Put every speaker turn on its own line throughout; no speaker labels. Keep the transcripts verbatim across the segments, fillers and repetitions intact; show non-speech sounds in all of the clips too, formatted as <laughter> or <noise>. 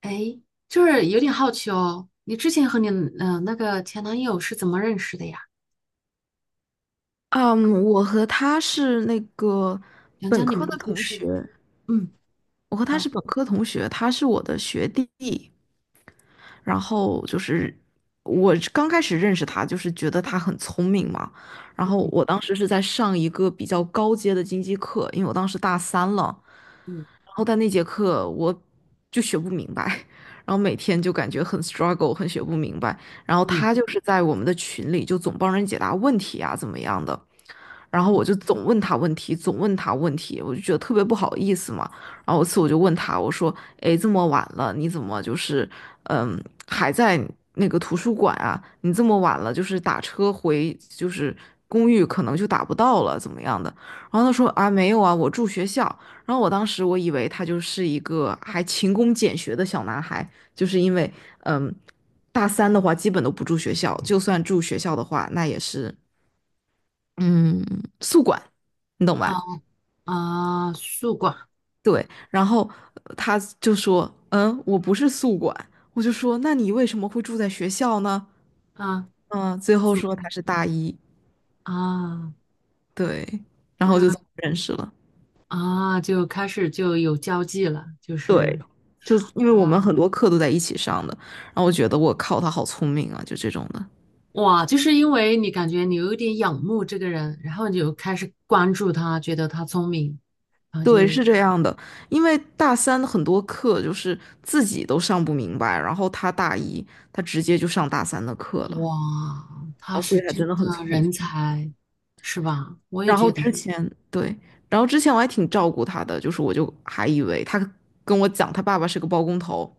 哎，就是有点好奇哦，你之前和你嗯、呃那个前男友是怎么认识的呀？
嗯，我和他是那个
讲
本
讲你
科
们
的
的故
同学，
事。嗯，
我和他是
好，
本科同学，他是我的学弟。然后就是我刚开始认识他，就是觉得他很聪明嘛。然后
嗯
我当时是在上一个比较高阶的经济课，因为我当时大三了。
嗯
然后在那节课我就学不明白，<laughs> 然后每天就感觉很 struggle，很学不明白。然后
嗯，
他就是在我们的群里就总帮人解答问题啊，怎么样的。然后我就总问他问题，总问他问题，我就觉得特别不好意思嘛。然后有次我就问他，我说："哎，这么晚了，你怎么就是嗯还在那个图书馆啊？你这么晚了，就是打车回就是公寓可能就打不到了，怎么样的？"然后他说："啊，没有啊，我住学校。"然后我当时我以为他就是一个还勤工俭学的小男孩，就是因为嗯。大三的话，基本都不住学校，就算住学校的话，那也是嗯，宿管，你懂吧？
好啊，宿管
对，然后呃他就说，嗯，我不是宿管，我就说，那你为什么会住在学校呢？
啊，
嗯，最
他
后
怎么
说他是大一，
啊？
对，然后
然
就这么认识了，
啊，就开始就有交际了，就是
对，就因为我们
啊，
很多课都在一起上的，然后我觉得我靠，他好聪明啊，就这种的，
哇，就是因为你感觉你有一点仰慕这个人，然后你就开始关注他，觉得他聪明，
对，是这样的，因为大三的很多课就是自己都上不明白，然后他大一，他直接就上大三的课了，
哇，他
然后所
是
以他
真
真的很
的
聪明。
人才，是吧？我也
然后
觉
之
得，
前对，然后之前我还挺照顾他的，就是我就还以为他跟我讲他爸爸是个包工头，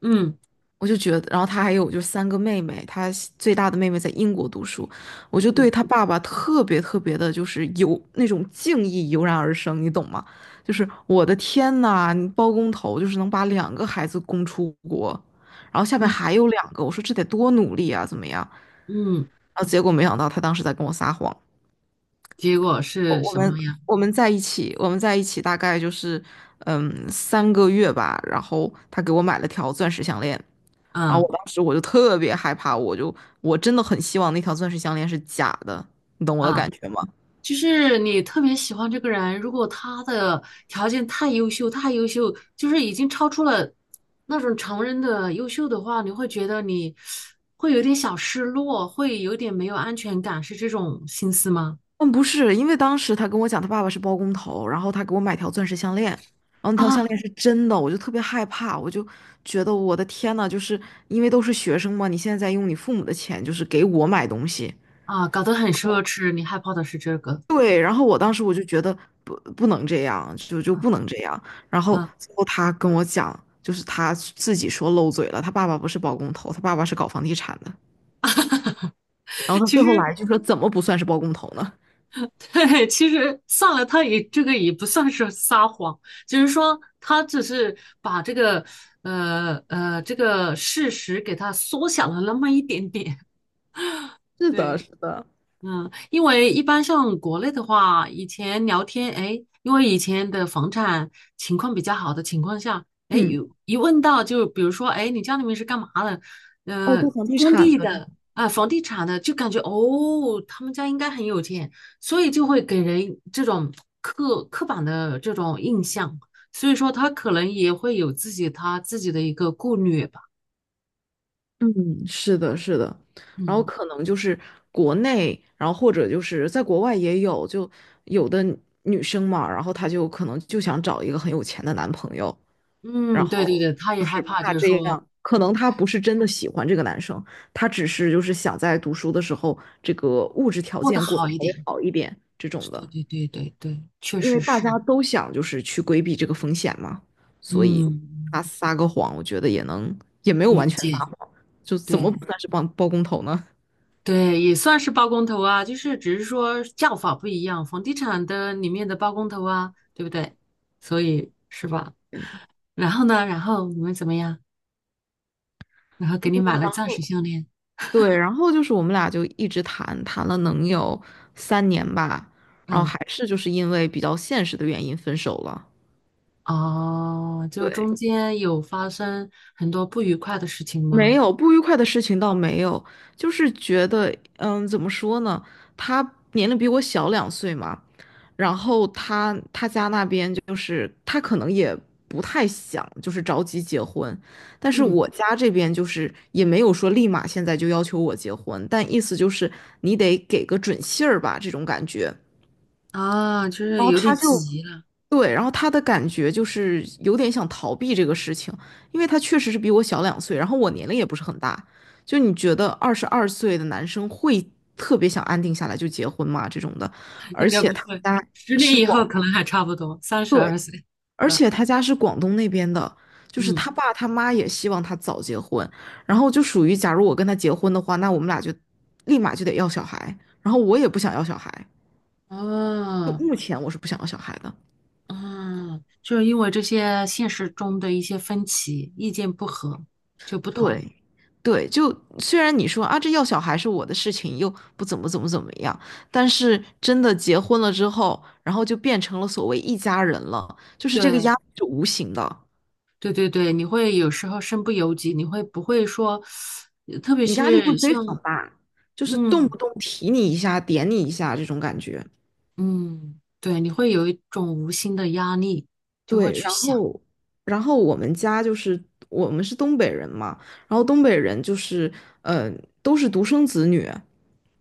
嗯
我就觉得，然后他还有就三个妹妹，他最大的妹妹在英国读书，我就对
嗯
他爸爸特别特别的，就是有那种敬意油然而生，你懂吗？就是我的天呐，你包工头就是能把两个孩子供出国，然后下面
嗯。
还有两个，我说这得多努力啊，怎么样？
嗯，
然后结果没想到他当时在跟我撒谎。
结果
我
是
我
什
们
么呀？
我们在一起，我们在一起大概就是嗯三个月吧。然后他给我买了条钻石项链，然后
嗯
我当时我就特别害怕，我就我真的很希望那条钻石项链是假的，你懂我的
啊，
感觉吗？
就是你特别喜欢这个人，如果他的条件太优秀，太优秀，就是已经超出了那种常人的优秀的话，你会觉得你会有点小失落，会有点没有安全感，是这种心思吗？
嗯，不是，因为当时他跟我讲他爸爸是包工头，然后他给我买条钻石项链，然后那条
啊
项链是真的，我就特别害怕，我就觉得我的天呐，就是因为都是学生嘛，你现在在用你父母的钱，就是给我买东西。
啊，搞得很奢侈，你害怕的是这个。
对，然后我当时我就觉得不不能这样，就就
啊
不能这样。然后
啊，
最后他跟我讲，就是他自己说漏嘴了，他爸爸不是包工头，他爸爸是搞房地产的。然
<laughs>
后他
其
最后来
实。
一句说，怎么不算是包工头呢？
<laughs> 对，其实算了，他也这个也不算是撒谎，只是说他只是把这个呃呃这个事实给他缩小了那么一点点。
是的，
对，
是的，
嗯，因为一般像国内的话，以前聊天，哎，因为以前的房产情况比较好的情况下，哎，
嗯，
有一问到就比如说，哎，你家里面是干嘛的？
哦，
呃，
做房地
工
产
地
的这
的啊，房地产的，就感觉哦，他们家应该很有钱，所以就会给人这种刻刻板的这种印象，所以说他可能也会有自己他自己的一个顾虑吧。
嗯，是的，是的，然后
嗯
可能就是国内，然后或者就是在国外也有，就有的女生嘛，然后她就可能就想找一个很有钱的男朋友，然
嗯，对对
后
对，他
就
也害
是
怕，就
怕
是
这
说
样，可能她不是真的喜欢这个男生，她只是就是想在读书的时候，这个物质条
过得
件过得
好一
稍微
点。
好一点这种
对
的。
对对对对，确
因为
实
大家
是，
都想就是去规避这个风险嘛，所以
嗯，
他撒个谎，我觉得也能，也没有完
理
全撒
解，
谎，就怎么
对
不算是包包工头呢？
对，也算是包工头啊，就是只是说叫法不一样，房地产的里面的包工头啊，对不对？所以是吧？
对，
然后呢，然后你们怎么样？然后给你买了
然
钻石
后
项链，
对，然后就是我们俩就一直谈，谈了能有三年吧，然后
嗯，
还是就是因为比较现实的原因分手了。
哦，就是
对，
中间有发生很多不愉快的事情
没
吗？
有不愉快的事情倒没有，就是觉得，嗯，怎么说呢？他年龄比我小两岁嘛，然后他他家那边就是他可能也不太想就是着急结婚，但是
嗯，
我家这边就是也没有说立马现在就要求我结婚，但意思就是你得给个准信儿吧，这种感觉。
啊，就
然
是
后
有
他
点
就
急了，
对，然后他的感觉就是有点想逃避这个事情，因为他确实是比我小两岁，然后我年龄也不是很大。就你觉得二十二岁的男生会特别想安定下来就结婚吗？这种的，而
应该
且
不
他
会，
家
十年
是
以后
广，
可能还差不多，三十
对，
二岁，
而
对吧，
且他家是广东那边的，就是
嗯。
他爸他妈也希望他早结婚，然后就属于假如我跟他结婚的话，那我们俩就立马就得要小孩，然后我也不想要小孩，就
啊
目前我是不想要小孩的。
啊，就是因为这些现实中的一些分歧、意见不合就不同。
对，对，就虽然你说啊，这要小孩是我的事情，又不怎么怎么怎么样，但是真的结婚了之后，然后就变成了所谓一家人了，就是这个压
对
力是无形的，
对对对，你会有时候身不由己，你会不会说，呃特别
你压力会
是
非
像
常大，就是动
嗯
不动提你一下，点你一下这种感觉。
嗯，对，你会有一种无形的压力，就会
对，
去
然
想，
后，然后我们家就是我们是东北人嘛，然后东北人就是，呃，都是独生子女，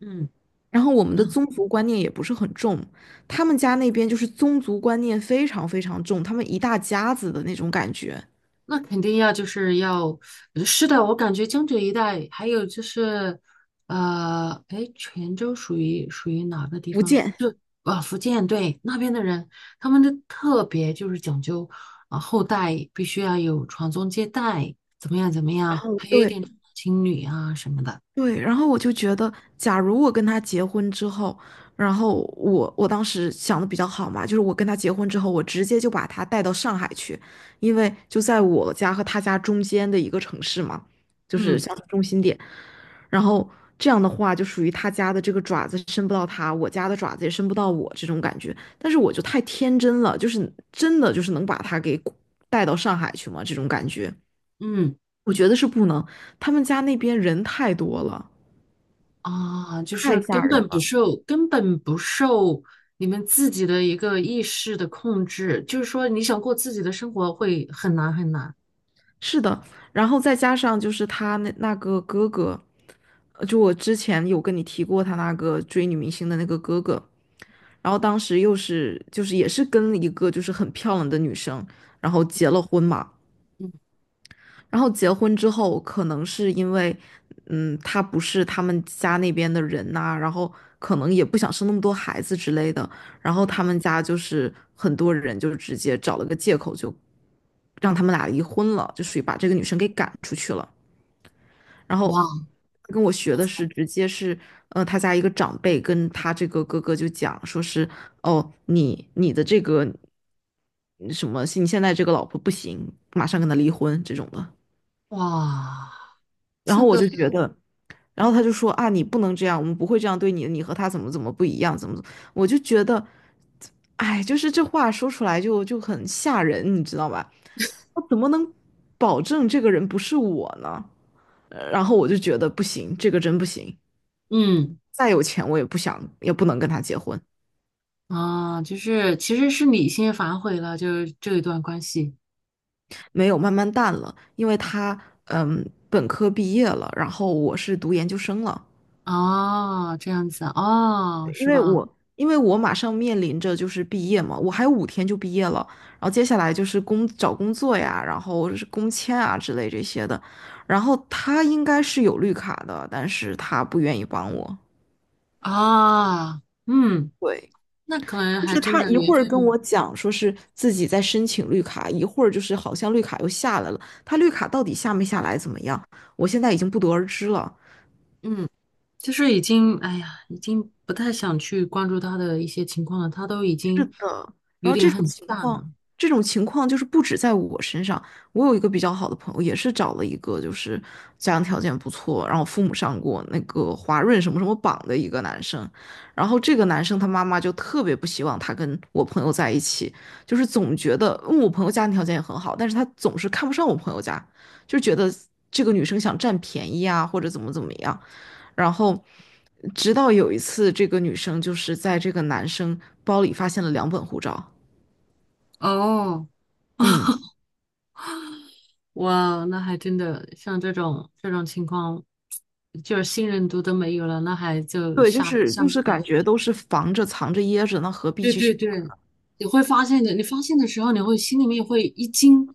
嗯
然后我们的
嗯。
宗族观念也不是很重，他们家那边就是宗族观念非常非常重，他们一大家子的那种感觉，
那肯定要就是要，呃是的，我感觉江浙一带，还有就是，呃，哎，泉州属于属于哪个地
福
方？
建。
就啊，福建，对，那边的人，他们的特别就是讲究啊，后代必须要有传宗接代，怎么样怎么
然
样，
后
还有一
对，
点重男轻女啊什么的。
对，然后我就觉得，假如我跟他结婚之后，然后我我当时想的比较好嘛，就是我跟他结婚之后，我直接就把他带到上海去，因为就在我家和他家中间的一个城市嘛，就是
嗯
乡村中心点。然后这样的话，就属于他家的这个爪子伸不到他，我家的爪子也伸不到我这种感觉。但是我就太天真了，就是真的就是能把他给带到上海去吗？这种感觉，
嗯。
我觉得是不能。他们家那边人太多了。
啊，就
太
是
吓
根
人
本不
了。
受，根本不受你们自己的一个意识的控制，就是说你想过自己的生活会很难很难。
是的，然后再加上就是他那那个哥哥，呃就我之前有跟你提过他那个追女明星的那个哥哥，然后当时又是就是也是跟一个就是很漂亮的女生，然后结了婚嘛。
嗯，
然后结婚之后，可能是因为，嗯，他不是他们家那边的人呐、然后可能也不想生那么多孩子之类的，然后他们家就是很多人就直接找了个借口就让他们俩离婚了，就属于把这个女生给赶出去了。然后
哇
跟我学的是直接是，呃，他家一个长辈跟他这个哥哥就讲说是，哦，你你的这个什么，你现在这个老婆不行，马上跟他离婚这种的。
哇，
然
这
后我
个，
就觉得，然后他就说啊，你不能这样，我们不会这样对你的，你和他怎么怎么不一样，怎么怎么，我就觉得，哎，就是这话说出来就就很吓人，你知道吧？我怎么能保证这个人不是我呢？呃然后我就觉得不行，这个真不行。
嗯
再有钱我也不想，也不能跟他结婚。
啊，就是其实是你先反悔了，就是这一段关系
没有，慢慢淡了，因为他嗯本科毕业了，然后我是读研究生了。
啊，这样子啊，
因
是
为
吧？
我因为我马上面临着就是毕业嘛，我还有五天就毕业了，然后接下来就是工找工作呀，然后是工签啊之类这些的，然后他应该是有绿卡的，但是他不愿意帮我。
啊，嗯，
对，
那可能
就
还
是
真
他
的
一
缘
会
分
儿跟我讲说是自己在申请绿卡，一会儿就是好像绿卡又下来了，他绿卡到底下没下来怎么样，我现在已经不得而知了。
嗯。就是已经，哎呀，已经不太想去关注他的一些情况了，他都已
是
经
的，然
有
后
点
这种
很
情
淡
况，
了。
这种情况就是不止在我身上。我有一个比较好的朋友，也是找了一个就是家庭条件不错，然后父母上过那个华润什么什么榜的一个男生。然后这个男生他妈妈就特别不希望他跟我朋友在一起，就是总觉得，嗯，我朋友家庭条件也很好，但是他总是看不上我朋友家，就觉得这个女生想占便宜啊，或者怎么怎么样。然后直到有一次，这个女生就是在这个男生包里发现了两本护照。
哦
嗯，
<laughs>，哇，那还真的像这种这种情况，就是信任度都没有了，那还就
对，就
下
是
下
就
面
是感
的，
觉都是防着、藏着、掖着，那何必
对
去
对
寻
对，
他？
你会发现的。你发现的时候，你会心里面会一惊，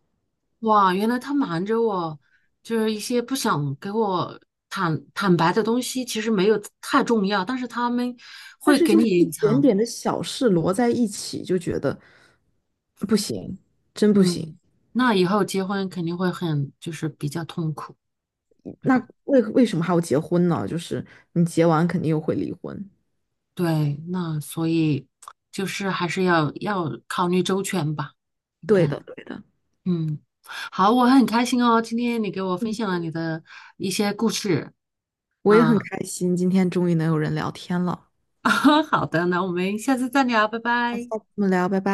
哇，原来他瞒着我，就是一些不想给我坦坦白的东西，其实没有太重要，但是他们
但
会
是
给
就
你
是一
隐
点
藏。
点的小事摞在一起，就觉得不行，真不行。
嗯，那以后结婚肯定会很，就是比较痛苦这
那
种。
为为什么还要结婚呢？就是你结完肯定又会离婚。
对，那所以就是还是要要考虑周全吧。你
对
看，
的，对的。
嗯，好，我很开心哦，今天你给我分
嗯，
享了你的一些故事。
我也很
啊，
开心，今天终于能有人聊天了。
<laughs> 好的，那我们下次再聊，拜
下次
拜。
我们聊，拜拜。